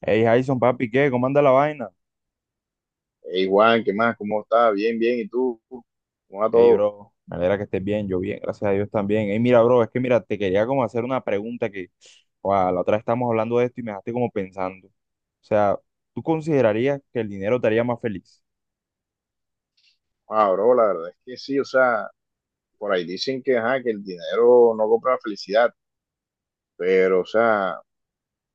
Hey Jason, papi, ¿qué? ¿Cómo anda la vaina? Hey Juan, ¿qué más? ¿Cómo estás? Bien, bien. ¿Y tú? ¿Cómo va Hey, todo? bro, me alegra que estés bien, yo bien, gracias a Dios también. Hey, mira, bro, es que mira, te quería como hacer una pregunta que, wow, la otra vez estábamos hablando de esto y me dejaste como pensando. O sea, ¿tú considerarías que el dinero te haría más feliz? Ah, bro, la verdad es que sí, o sea, por ahí dicen que, ajá, que el dinero no compra la felicidad, pero, o sea,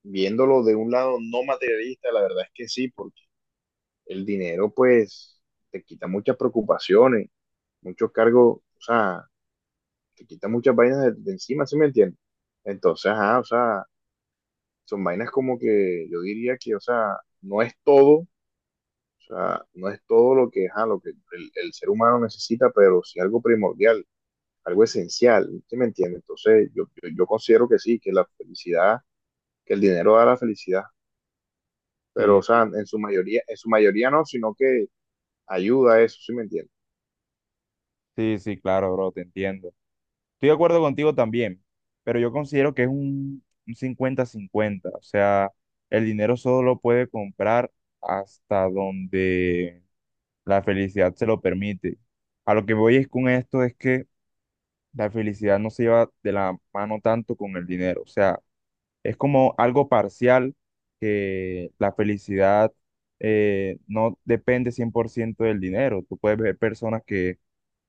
viéndolo de un lado no materialista, la verdad es que sí, porque el dinero, pues, te quita muchas preocupaciones, muchos cargos, o sea, te quita muchas vainas de encima, ¿sí me entiendes? Entonces, ajá, o sea, son vainas como que yo diría que, o sea, no es todo. O sea, no es todo lo que, ajá, lo que el ser humano necesita, pero sí algo primordial, algo esencial, ¿sí me entiende? Entonces, yo considero que sí, que la felicidad, que el dinero da la felicidad, pero, o Sí, sí, sea, en su mayoría no, sino que ayuda a eso, ¿sí me entiende? sí, sí, claro, bro, te entiendo. Estoy de acuerdo contigo también, pero yo considero que es un cincuenta 50. O sea, el dinero solo puede comprar hasta donde la felicidad se lo permite. A lo que voy es con esto es que la felicidad no se lleva de la mano tanto con el dinero. O sea, es como algo parcial que la felicidad no depende 100% del dinero. Tú puedes ver personas que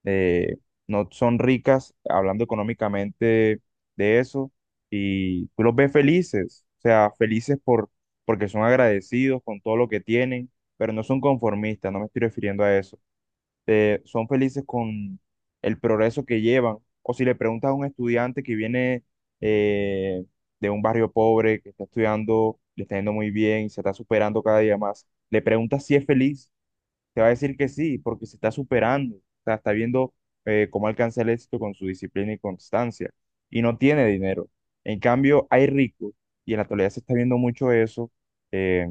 eh, no son ricas, hablando económicamente de eso, y tú los ves felices, o sea, felices por, porque son agradecidos con todo lo que tienen, pero no son conformistas, no me estoy refiriendo a eso. Son felices con el progreso que llevan, o si le preguntas a un estudiante que viene eh, de un barrio pobre, que está estudiando, le está yendo muy bien y se está superando cada día más, le preguntas si es feliz, te va a decir que sí, porque se está superando, o sea, está viendo cómo alcanza el éxito con su disciplina y constancia, y no tiene dinero. En cambio, hay ricos, y en la actualidad se está viendo mucho eso, eh,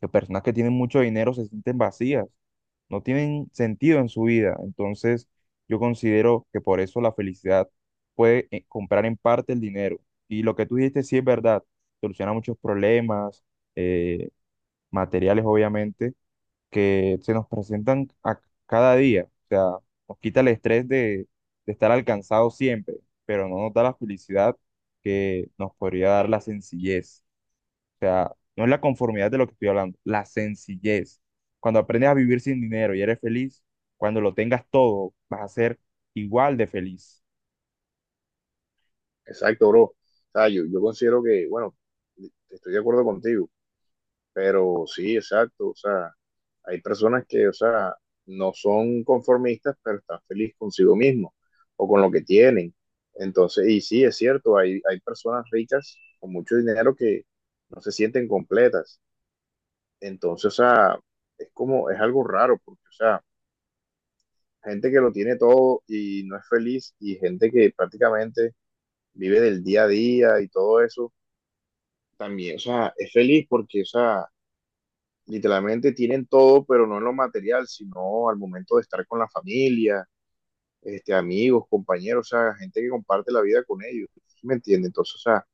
que personas que tienen mucho dinero se sienten vacías, no tienen sentido en su vida. Entonces, yo considero que por eso la felicidad puede comprar en parte el dinero. Y lo que tú dijiste sí es verdad, soluciona muchos problemas, eh, materiales obviamente que se nos presentan a cada día. O sea, nos quita el estrés de estar alcanzado siempre, pero no nos da la felicidad que nos podría dar la sencillez. No es la conformidad de lo que estoy hablando, la sencillez. Cuando aprendes a vivir sin dinero y eres feliz, cuando lo tengas todo, vas a ser igual de feliz. Exacto, bro. O sea, yo considero que, bueno, estoy de acuerdo contigo. Pero sí, exacto, o sea, hay personas que, o sea, no son conformistas, pero están felices consigo mismos o con lo que tienen. Entonces, y sí, es cierto, hay personas ricas con mucho dinero que no se sienten completas. Entonces, o sea, es como, es algo raro, porque, o sea, gente que lo tiene todo y no es feliz y gente que prácticamente vive del día a día y todo eso, también, o sea, es feliz porque, o sea, literalmente tienen todo, pero no en lo material, sino al momento de estar con la familia, este, amigos, compañeros, o sea, gente que comparte la vida con ellos, ¿sí me entiendes? Entonces, o sea,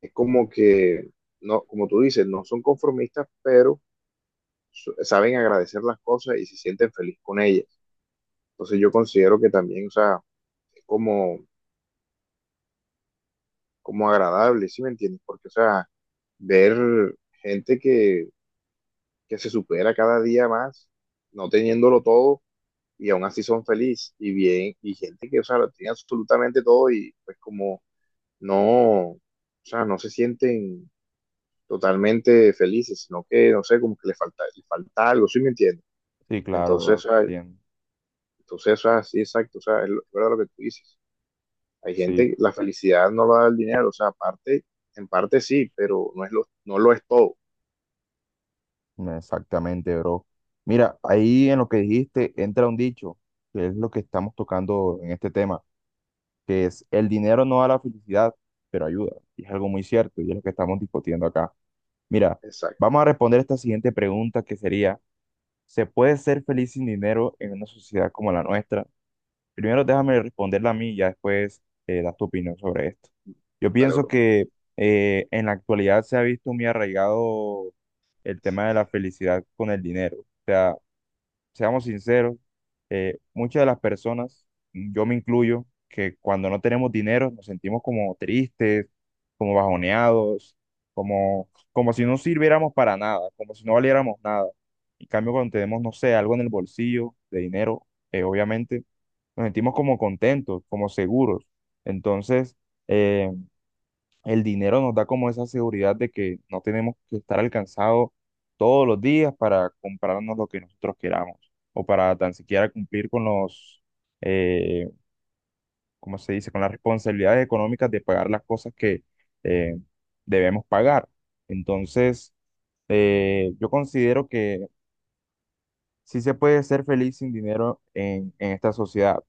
es como que, no, como tú dices, no son conformistas, pero saben agradecer las cosas y se sienten feliz con ellas. Entonces yo considero que también, o sea, es como, como agradable, ¿sí me entiendes? Porque, o sea, ver gente que se supera cada día más, no teniéndolo todo, y aún así son felices y bien, y gente que, o sea, lo tiene absolutamente todo y pues como no, o sea, no se sienten totalmente felices, sino que, no sé, como que les falta algo, ¿sí me entiendes? Sí, claro, bro, Entonces, o sea, entiendo. entonces, o sea, sí, exacto, o sea, es verdad lo que tú dices. Hay Sí, gente, la felicidad no lo da el dinero, o sea, aparte, en parte sí, pero no es lo, no lo es todo. exactamente, bro. Mira, ahí en lo que dijiste entra un dicho, que es lo que estamos tocando en este tema, que es el dinero no da la felicidad, pero ayuda. Y es algo muy cierto y es lo que estamos discutiendo acá. Mira, Exacto. vamos a responder esta siguiente pregunta que sería, ¿se puede ser feliz sin dinero en una sociedad como la nuestra? Primero déjame responderla a mí y ya después das tu opinión sobre esto. Yo Dale, pienso bro. que en la actualidad se ha visto muy arraigado el tema de la felicidad con el dinero. O sea, seamos sinceros, muchas de las personas, yo me incluyo, que cuando no tenemos dinero nos sentimos como tristes, como bajoneados, como si no sirviéramos para nada, como si no valiéramos nada. En cambio, cuando tenemos, no sé, algo en el bolsillo de dinero, obviamente nos sentimos como contentos, como seguros. Entonces, eh, el dinero nos da como esa seguridad de que no tenemos que estar alcanzados todos los días para comprarnos lo que nosotros queramos o para tan siquiera cumplir con los, eh, ¿cómo se dice?, con las responsabilidades económicas de pagar las cosas que eh, debemos pagar. Entonces, yo considero que sí se puede ser feliz sin dinero en esta sociedad,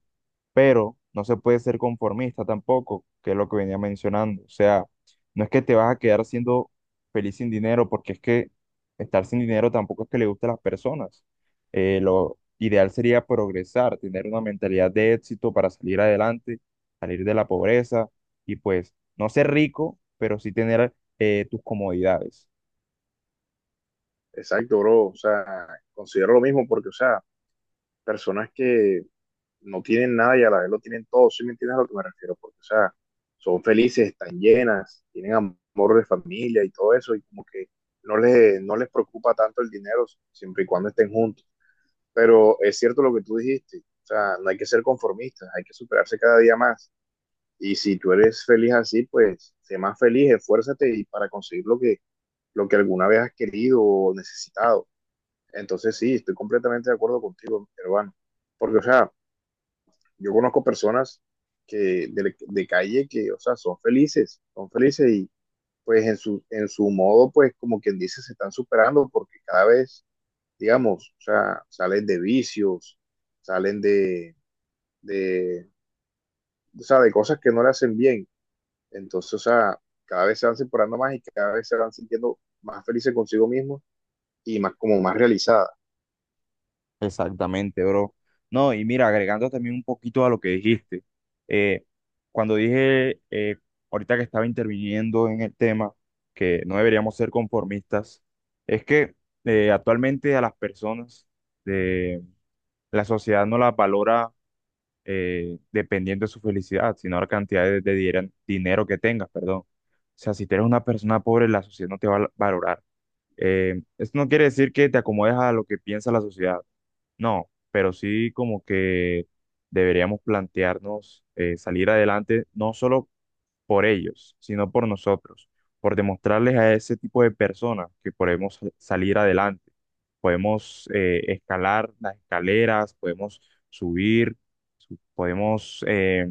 pero no se puede ser conformista tampoco, que es lo que venía mencionando. O sea, no es que te vas a quedar siendo feliz sin dinero, porque es que estar sin dinero tampoco es que le guste a las personas. Lo ideal sería progresar, tener una mentalidad de éxito para salir adelante, salir de la pobreza y pues no ser rico, pero sí tener tus comodidades. Exacto, bro. O sea, considero lo mismo porque, o sea, personas que no tienen nada y a la vez lo tienen todo, ¿sí me entiendes a lo que me refiero? Porque, o sea, son felices, están llenas, tienen amor de familia y todo eso, y como que no les preocupa tanto el dinero siempre y cuando estén juntos. Pero es cierto lo que tú dijiste, o sea, no hay que ser conformistas, hay que superarse cada día más. Y si tú eres feliz así, pues sé más feliz, esfuérzate y para conseguir lo que alguna vez has querido o necesitado. Entonces sí, estoy completamente de acuerdo contigo, hermano. Porque, o sea, yo conozco personas que de calle que, o sea, son felices y pues en su modo, pues como quien dice, se están superando porque cada vez, digamos, o sea, salen de vicios, salen de, o sea, de cosas que no le hacen bien. Entonces, o sea, cada vez se van separando más y cada vez se van sintiendo más felices consigo mismos y más como más realizadas. Exactamente, bro. No, y mira, agregando también un poquito a lo que dijiste, eh, cuando dije ahorita que estaba interviniendo en el tema, que no deberíamos ser conformistas, es que actualmente a las personas de la sociedad no las valora dependiendo de su felicidad, sino la cantidad de dinero que tengas, perdón. O sea, si tú eres una persona pobre, la sociedad no te va a valorar. Esto no quiere decir que te acomodes a lo que piensa la sociedad, no, pero sí como que deberíamos plantearnos salir adelante no solo por ellos, sino por nosotros, por demostrarles a ese tipo de personas que podemos salir adelante, podemos escalar las escaleras, podemos subir, podemos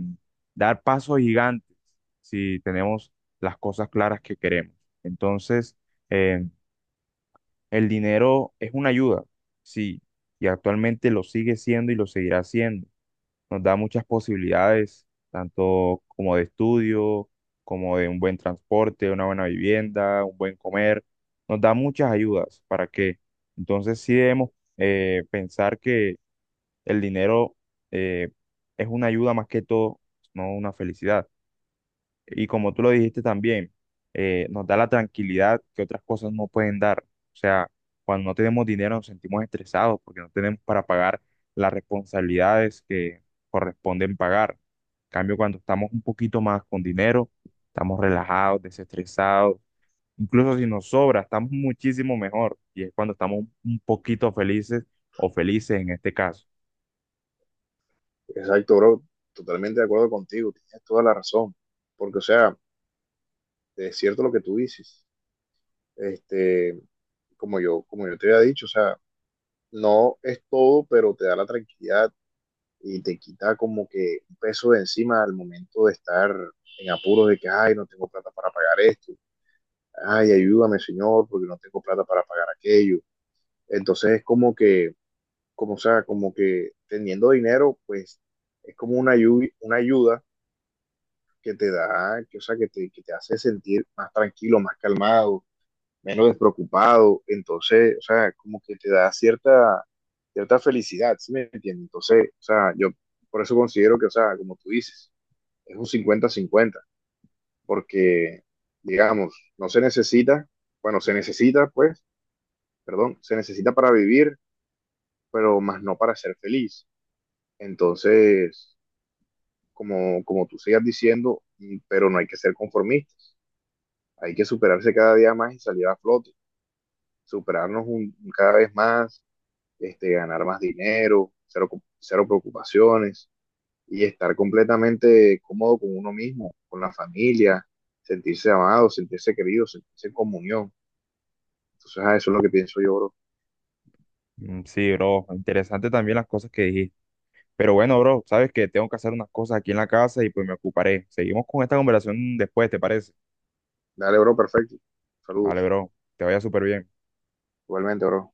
dar pasos gigantes si tenemos las cosas claras que queremos. Entonces, em, el dinero es una ayuda, sí, y actualmente lo sigue siendo y lo seguirá siendo. Nos da muchas posibilidades, tanto como de estudio, como de un buen transporte, una buena vivienda, un buen comer. Nos da muchas ayudas. ¿Para qué? Entonces sí debemos pensar que el dinero eh, es una ayuda más que todo, no una felicidad. Y como tú lo dijiste también, nos da la tranquilidad que otras cosas no pueden dar. O sea, cuando no tenemos dinero nos sentimos estresados porque no tenemos para pagar las responsabilidades que corresponden pagar. En cambio, cuando estamos un poquito más con dinero, estamos relajados, desestresados. Incluso si nos sobra, estamos muchísimo mejor. Y es cuando estamos un poquito felices o felices en este caso. Exacto, bro, totalmente de acuerdo contigo, tienes toda la razón, porque, o sea, es cierto lo que tú dices. Este, como yo te había dicho, o sea, no es todo, pero te da la tranquilidad y te quita como que un peso de encima al momento de estar en apuros de que, ay, no tengo plata para pagar esto, ay, ayúdame, Señor, porque no tengo plata para pagar aquello. Entonces es como que, como o sea, como que teniendo dinero, pues es como una ayuda que te da, que, o sea, que te hace sentir más tranquilo, más calmado, menos despreocupado, entonces, o sea, como que te da cierta felicidad, ¿sí me entiendes? Entonces, o sea, yo por eso considero que, o sea, como tú dices, es un cincuenta-cincuenta, porque, digamos, no se necesita, bueno, se necesita, pues, perdón, se necesita para vivir, pero más no para ser feliz. Entonces, como, como tú sigas diciendo, pero no hay que ser conformistas, hay que superarse cada día más y salir a flote, superarnos cada vez más, este, ganar más dinero, cero, cero preocupaciones y estar completamente cómodo con uno mismo, con la familia, sentirse amado, sentirse querido, sentirse en comunión. Entonces, a eso es lo que pienso yo, bro. Mm, sí, bro, interesante también las cosas que dijiste. Pero bueno, bro, sabes que tengo que hacer unas cosas aquí en la casa y pues me ocuparé. Seguimos con esta conversación después, ¿te parece? Dale, bro, perfecto. Vale, Saludos. bro, te vaya súper bien. Igualmente, bro.